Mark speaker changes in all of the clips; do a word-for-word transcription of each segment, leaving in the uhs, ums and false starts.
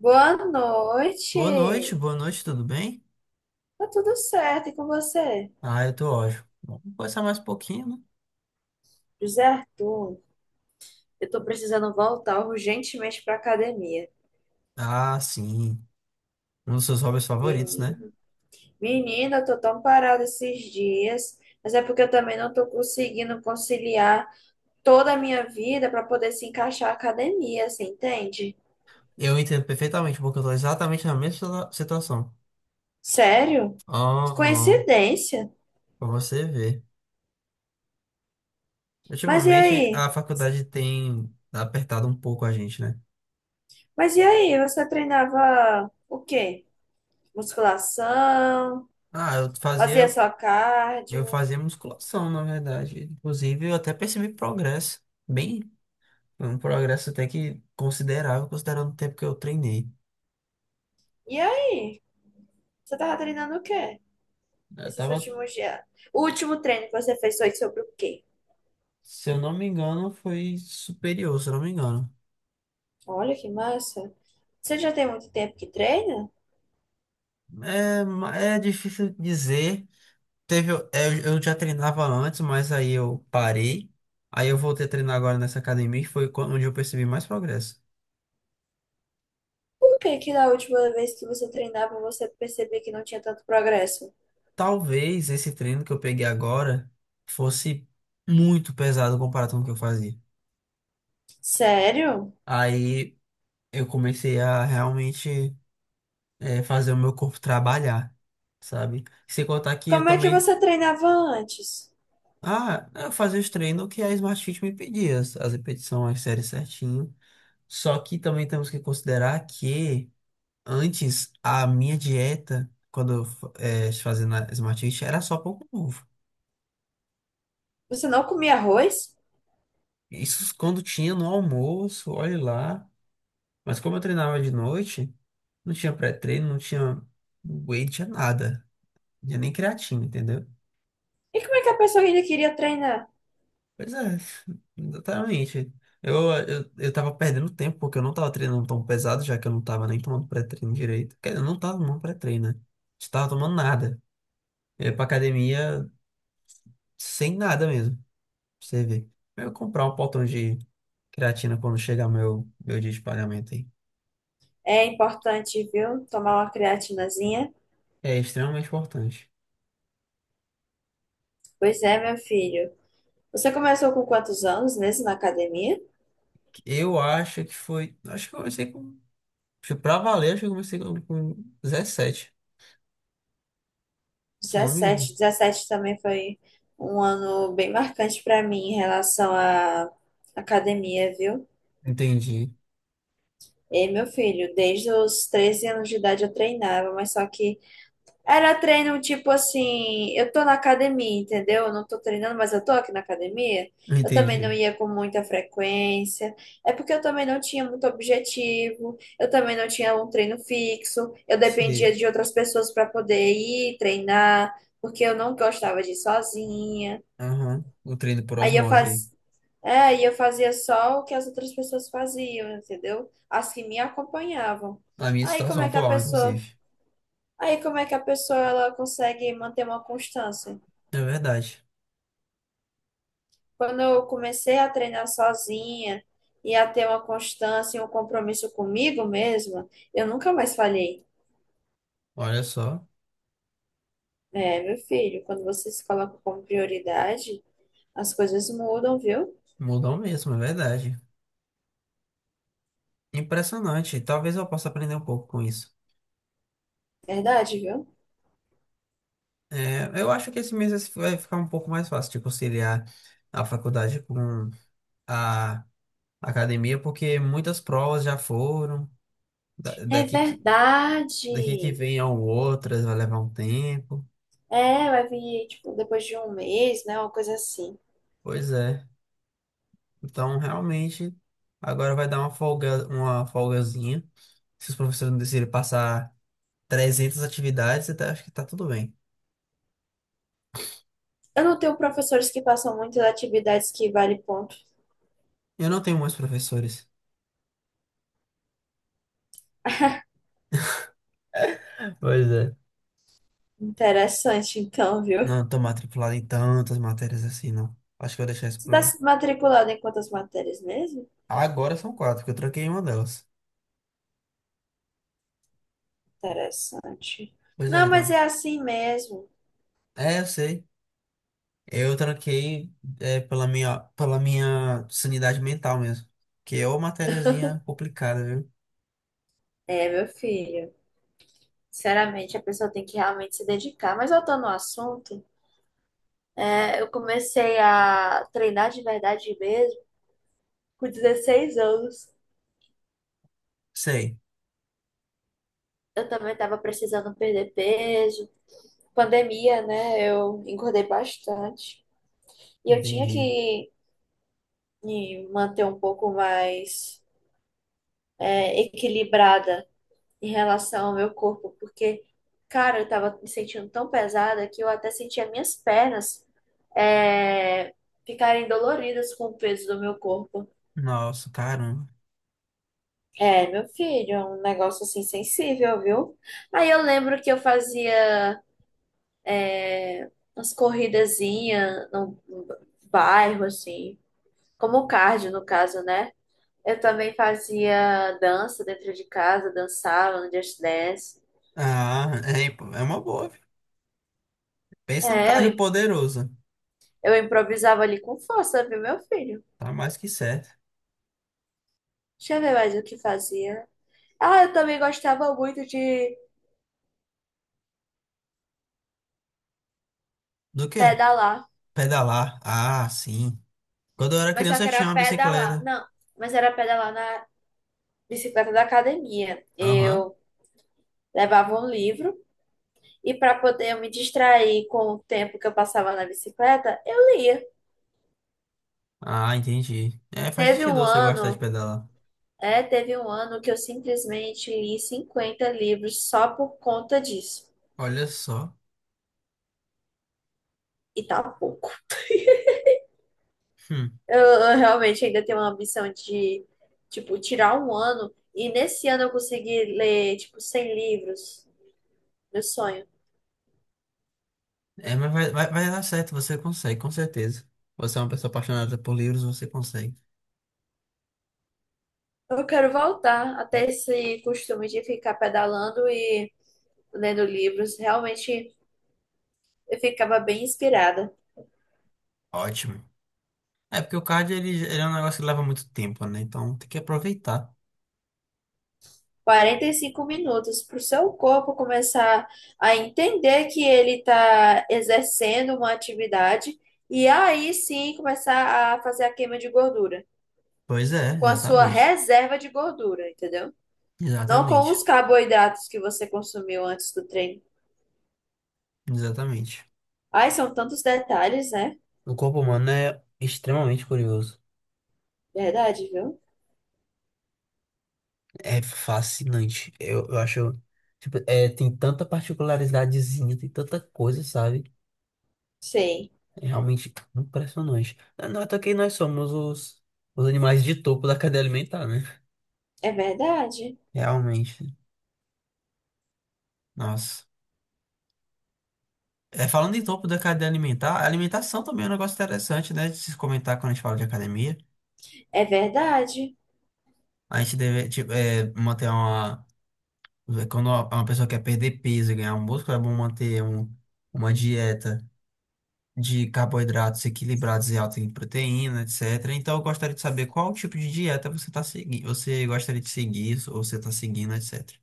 Speaker 1: Boa
Speaker 2: Boa noite,
Speaker 1: noite.
Speaker 2: boa noite, tudo bem?
Speaker 1: Tá tudo certo, e com você?
Speaker 2: Ah, eu tô ótimo. Vamos conversar mais um pouquinho, né?
Speaker 1: José Arthur, eu tô precisando voltar urgentemente pra academia.
Speaker 2: Ah, sim. Um dos seus hobbies favoritos, né?
Speaker 1: Menino, menina, eu tô tão parada esses dias, mas é porque eu também não tô conseguindo conciliar toda a minha vida pra poder se encaixar a academia, você entende?
Speaker 2: Eu entendo perfeitamente, porque eu tô exatamente na mesma situa- situação.
Speaker 1: Sério? Que
Speaker 2: Aham,
Speaker 1: coincidência.
Speaker 2: pra você ver.
Speaker 1: Mas e
Speaker 2: Ultimamente,
Speaker 1: aí?
Speaker 2: a faculdade tem apertado um pouco a gente, né?
Speaker 1: Mas e aí? Você treinava o quê? Musculação?
Speaker 2: Ah, eu
Speaker 1: Fazia
Speaker 2: fazia,
Speaker 1: só cardio?
Speaker 2: eu fazia musculação, na verdade. Inclusive, eu até percebi progresso. Bem, um progresso até que considerável, considerando o tempo que eu treinei.
Speaker 1: E aí? Você tava treinando o quê
Speaker 2: Eu
Speaker 1: esses
Speaker 2: tava
Speaker 1: últimos dias? O último treino que você fez foi sobre o quê?
Speaker 2: Se eu não me engano, foi superior, se eu não me engano.
Speaker 1: Olha que massa. Você já tem muito tempo que treina?
Speaker 2: É, ma- é difícil dizer. Teve, é, eu eu já treinava antes, mas aí eu parei. Aí eu voltei a treinar agora nessa academia, que foi quando- onde eu percebi mais progresso.
Speaker 1: Por que que da última vez que você treinava você percebia que não tinha tanto progresso?
Speaker 2: Talvez esse treino que eu peguei agora fosse muito pesado comparado com o que eu fazia.
Speaker 1: Sério?
Speaker 2: Aí eu comecei a realmente é, fazer o meu corpo trabalhar, sabe? Sem contar que eu
Speaker 1: Como é que
Speaker 2: também.
Speaker 1: você treinava antes?
Speaker 2: Ah, é, eu fazia os treinos que a Smart Fit me pedia, as as repetições, as séries certinho. Só que também temos que considerar que antes a minha dieta, quando eu fa- eh, fazia na Smart Fit, era só pouco novo.
Speaker 1: Você não comia arroz?
Speaker 2: Isso quando tinha no almoço, olhe lá. Mas como eu treinava de noite, não tinha pré-treino, não tinha whey, não tinha nada. Não tinha nem creatina, entendeu?
Speaker 1: E como é que a pessoa ainda queria treinar?
Speaker 2: Pois é, exatamente. Eu, eu, eu tava perdendo tempo porque eu não tava treinando tão pesado, já que eu não tava nem tomando pré-treino direito. Quer dizer, eu não tava tomando pré-treino, né? Não tava tomando nada. Eu ia pra academia sem nada mesmo, pra você ver. Eu ia comprar um potão de creatina quando chegar meu, meu dia de pagamento aí.
Speaker 1: É importante, viu? Tomar uma creatinazinha.
Speaker 2: É extremamente importante.
Speaker 1: Pois é, meu filho. Você começou com quantos anos mesmo na academia?
Speaker 2: Eu acho que foi. Acho que eu comecei com. Acho que Pra valer, acho que eu comecei com com dezessete, se eu não me engano.
Speaker 1: dezessete, dezessete também foi um ano bem marcante para mim em relação à academia, viu?
Speaker 2: Entendi,
Speaker 1: E meu filho, desde os treze anos de idade eu treinava, mas só que era treino tipo assim, eu tô na academia, entendeu? Eu não tô treinando, mas eu tô aqui na academia. Eu também não
Speaker 2: entendi.
Speaker 1: ia com muita frequência. É porque eu também não tinha muito objetivo. Eu também não tinha um treino fixo. Eu
Speaker 2: Sei.
Speaker 1: dependia de outras pessoas para poder ir treinar, porque eu não gostava de ir sozinha.
Speaker 2: Aham, o treino por
Speaker 1: Aí eu
Speaker 2: osmose aí.
Speaker 1: faz... é, Aí eu fazia só o que as outras pessoas faziam, entendeu? As que me acompanhavam.
Speaker 2: Na minha
Speaker 1: Aí como
Speaker 2: situação
Speaker 1: é que a
Speaker 2: atual,
Speaker 1: pessoa
Speaker 2: inclusive.
Speaker 1: Aí como é que a pessoa ela consegue manter uma constância?
Speaker 2: É verdade.
Speaker 1: Quando eu comecei a treinar sozinha e a ter uma constância e um compromisso comigo mesma, eu nunca mais falhei.
Speaker 2: Olha só,
Speaker 1: É, meu filho, quando você se coloca como prioridade, as coisas mudam, viu?
Speaker 2: mudou mesmo, é verdade. Impressionante. Talvez eu possa aprender um pouco com isso.
Speaker 1: Verdade, viu?
Speaker 2: É, eu acho que esse mês vai ficar um pouco mais fácil de conciliar a faculdade com a academia, porque muitas provas já foram. Da-
Speaker 1: É
Speaker 2: Daqui que, daqui que
Speaker 1: verdade.
Speaker 2: vem a outras, vai levar um tempo.
Speaker 1: É, vai vir, tipo, depois de um mês, né? Uma coisa assim.
Speaker 2: Pois é. Então, realmente, agora vai dar uma folga, uma folgazinha. Se os professores não decidirem passar trezentas atividades, até acho que tá tudo bem.
Speaker 1: Eu não tenho professores que passam muitas atividades que vale ponto.
Speaker 2: Eu não tenho muitos professores. Pois é.
Speaker 1: Interessante, então, viu?
Speaker 2: Não tô matriculado em tantas matérias assim, não. Acho que eu vou deixar isso
Speaker 1: Você está
Speaker 2: pro...
Speaker 1: matriculado em quantas matérias mesmo?
Speaker 2: Agora são quatro, porque eu tranquei uma delas.
Speaker 1: Interessante.
Speaker 2: Pois é,
Speaker 1: Não, mas
Speaker 2: então.
Speaker 1: é assim mesmo.
Speaker 2: É, eu sei. Eu tranquei é, pela minha, pela minha sanidade mental mesmo. Que é uma matériazinha complicada, viu?
Speaker 1: É, meu filho. Sinceramente, a pessoa tem que realmente se dedicar. Mas voltando ao assunto, é, eu comecei a treinar de verdade mesmo com dezesseis anos.
Speaker 2: Sei.
Speaker 1: Eu também estava precisando perder peso. Pandemia, né? Eu engordei bastante. E eu tinha
Speaker 2: Entendi.
Speaker 1: que me manter um pouco mais é, equilibrada em relação ao meu corpo, porque, cara, eu tava me sentindo tão pesada que eu até sentia minhas pernas é, ficarem doloridas com o peso do meu corpo.
Speaker 2: Nossa, cara.
Speaker 1: É, meu filho, é um negócio assim sensível, viu? Aí eu lembro que eu fazia umas corridazinhas no, no bairro, assim, como cardio, no caso, né? Eu também fazia dança dentro de casa, dançava no Just Dance.
Speaker 2: Ah, é, imp- é uma boa, viu? Pensa num
Speaker 1: É,
Speaker 2: cardio
Speaker 1: eu,
Speaker 2: poderoso.
Speaker 1: eu improvisava ali com força, viu, meu filho?
Speaker 2: Tá mais que certo.
Speaker 1: Deixa eu ver mais o que fazia. Ah, eu também gostava muito de
Speaker 2: Do quê?
Speaker 1: pedalar,
Speaker 2: Pedalar. Ah, sim. Quando eu era
Speaker 1: mas só
Speaker 2: criança
Speaker 1: que
Speaker 2: eu
Speaker 1: era
Speaker 2: tinha uma
Speaker 1: pedalar.
Speaker 2: bicicleta.
Speaker 1: Não, mas era pedalar na bicicleta da academia.
Speaker 2: Aham.
Speaker 1: Eu levava um livro e para poder eu me distrair com o tempo que eu passava na bicicleta, eu lia.
Speaker 2: Ah, entendi. É, faz
Speaker 1: Teve
Speaker 2: sentido
Speaker 1: um
Speaker 2: você gostar de
Speaker 1: ano,
Speaker 2: pedalar.
Speaker 1: é, teve um ano que eu simplesmente li cinquenta livros só por conta disso.
Speaker 2: Olha só.
Speaker 1: E tá pouco.
Speaker 2: Hum.
Speaker 1: Eu, eu realmente ainda tenho uma ambição de, tipo, tirar um ano e nesse ano eu conseguir ler, tipo, cem livros. Meu sonho.
Speaker 2: É, mas vai, vai, vai dar certo, você consegue, com certeza. Você é uma pessoa apaixonada por livros, você consegue.
Speaker 1: Eu quero voltar até esse costume de ficar pedalando e lendo livros. Realmente eu ficava bem inspirada.
Speaker 2: Ótimo. É porque o cardio ele, ele é um negócio que leva muito tempo, né? Então tem que aproveitar.
Speaker 1: Quarenta e cinco minutos para o seu corpo começar a entender que ele está exercendo uma atividade e aí sim começar a fazer a queima de gordura
Speaker 2: Pois é,
Speaker 1: com a sua
Speaker 2: exatamente.
Speaker 1: reserva de gordura, entendeu? Não com
Speaker 2: Exatamente.
Speaker 1: os carboidratos que você consumiu antes do treino.
Speaker 2: Exatamente.
Speaker 1: Ai, são tantos detalhes, né?
Speaker 2: O corpo humano é extremamente curioso.
Speaker 1: Verdade, viu?
Speaker 2: É fascinante. Eu, eu acho. Tipo, é, tem tanta particularidadezinha, tem tanta coisa, sabe?
Speaker 1: Sim,
Speaker 2: É realmente impressionante. Não não é até que nós somos os, os animais de topo da cadeia alimentar, né?
Speaker 1: é verdade.
Speaker 2: Realmente. Nossa. É, falando em topo da cadeia alimentar, a alimentação também é um negócio interessante, né? De se comentar quando a gente fala de academia.
Speaker 1: É verdade.
Speaker 2: A gente deve, tipo, é, manter uma. Quando uma pessoa quer perder peso e ganhar músculo, é bom manter um, uma dieta de carboidratos equilibrados e alto em proteína, etcétera. Então, eu gostaria de saber qual tipo de dieta você está seguindo, você gostaria de seguir ou você está seguindo, etcétera.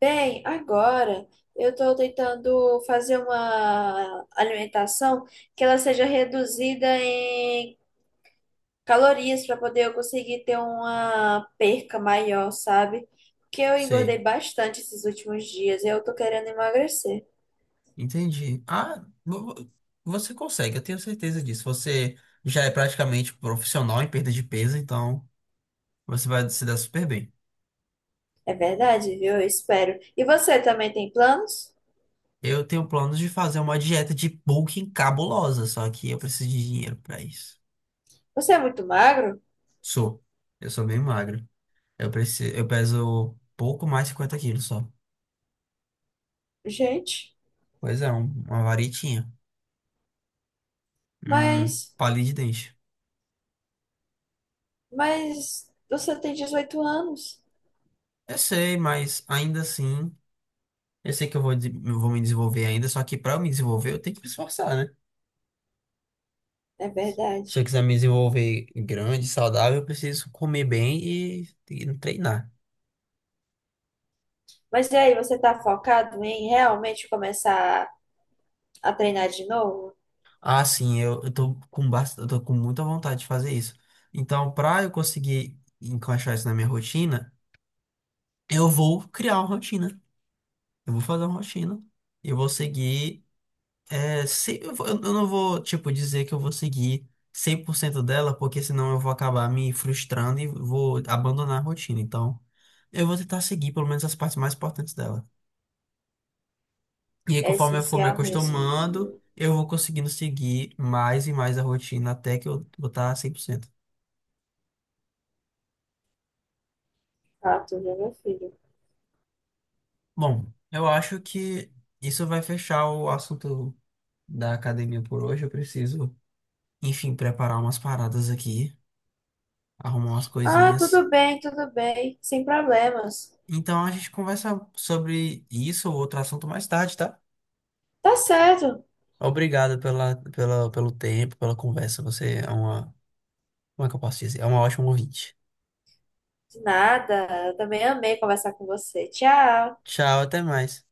Speaker 1: Bem, agora eu estou tentando fazer uma alimentação que ela seja reduzida em calorias para poder eu conseguir ter uma perca maior, sabe? Porque eu engordei
Speaker 2: Sei,
Speaker 1: bastante esses últimos dias e eu tô querendo emagrecer.
Speaker 2: entendi. Ah, vo- vo- você consegue, eu tenho certeza disso. Você já é praticamente profissional em perda de peso, então você vai se dar super bem.
Speaker 1: É verdade, viu? Eu espero. E você também tem planos?
Speaker 2: Eu tenho planos de fazer uma dieta de bulking cabulosa, só que eu preciso de dinheiro para isso.
Speaker 1: Você é muito magro?
Speaker 2: Sou, eu sou bem magro. Eu preciso, eu peso pouco mais de 50 quilos só.
Speaker 1: Gente,
Speaker 2: Pois é, um- uma varitinha. Um
Speaker 1: mas,
Speaker 2: palito de dente.
Speaker 1: mas você tem dezoito anos.
Speaker 2: Eu sei, mas ainda assim, eu sei que eu vou, des- eu vou me desenvolver ainda, só que pra eu me desenvolver, eu tenho que me esforçar, né?
Speaker 1: É
Speaker 2: Se eu
Speaker 1: verdade.
Speaker 2: quiser me desenvolver grande, saudável, eu preciso comer bem e, e treinar.
Speaker 1: Mas e aí, você tá focado em realmente começar a treinar de novo?
Speaker 2: Ah, sim, eu, eu tô com bast... eu tô com muita vontade de fazer isso. Então, pra eu conseguir encaixar isso na minha rotina, eu vou criar uma rotina. Eu vou fazer uma rotina. E eu vou seguir. É, se, eu, vou- eu não vou, tipo, dizer que eu vou seguir cem por cento dela, porque senão eu vou acabar me frustrando e vou abandonar a rotina. Então, eu vou tentar seguir pelo menos as partes mais importantes dela. E aí,
Speaker 1: É
Speaker 2: conforme eu for me
Speaker 1: essencial
Speaker 2: acostumando,
Speaker 1: mesmo.
Speaker 2: eu vou conseguindo seguir mais e mais a rotina até que eu vou estar cem por cento.
Speaker 1: Ah, tudo bem, meu filho.
Speaker 2: Bom, eu acho que isso vai fechar o assunto da academia por hoje. Eu preciso, enfim, preparar umas paradas aqui, arrumar umas
Speaker 1: Ah,
Speaker 2: coisinhas.
Speaker 1: tudo bem, tudo bem, sem problemas.
Speaker 2: Então a gente conversa sobre isso ou outro assunto mais tarde, tá?
Speaker 1: Tá certo.
Speaker 2: Obrigado pela, pela, pelo tempo, pela conversa. Você é uma, como é que eu posso dizer? É uma ótima ouvinte.
Speaker 1: De nada. Eu também amei conversar com você. Tchau.
Speaker 2: Tchau, até mais.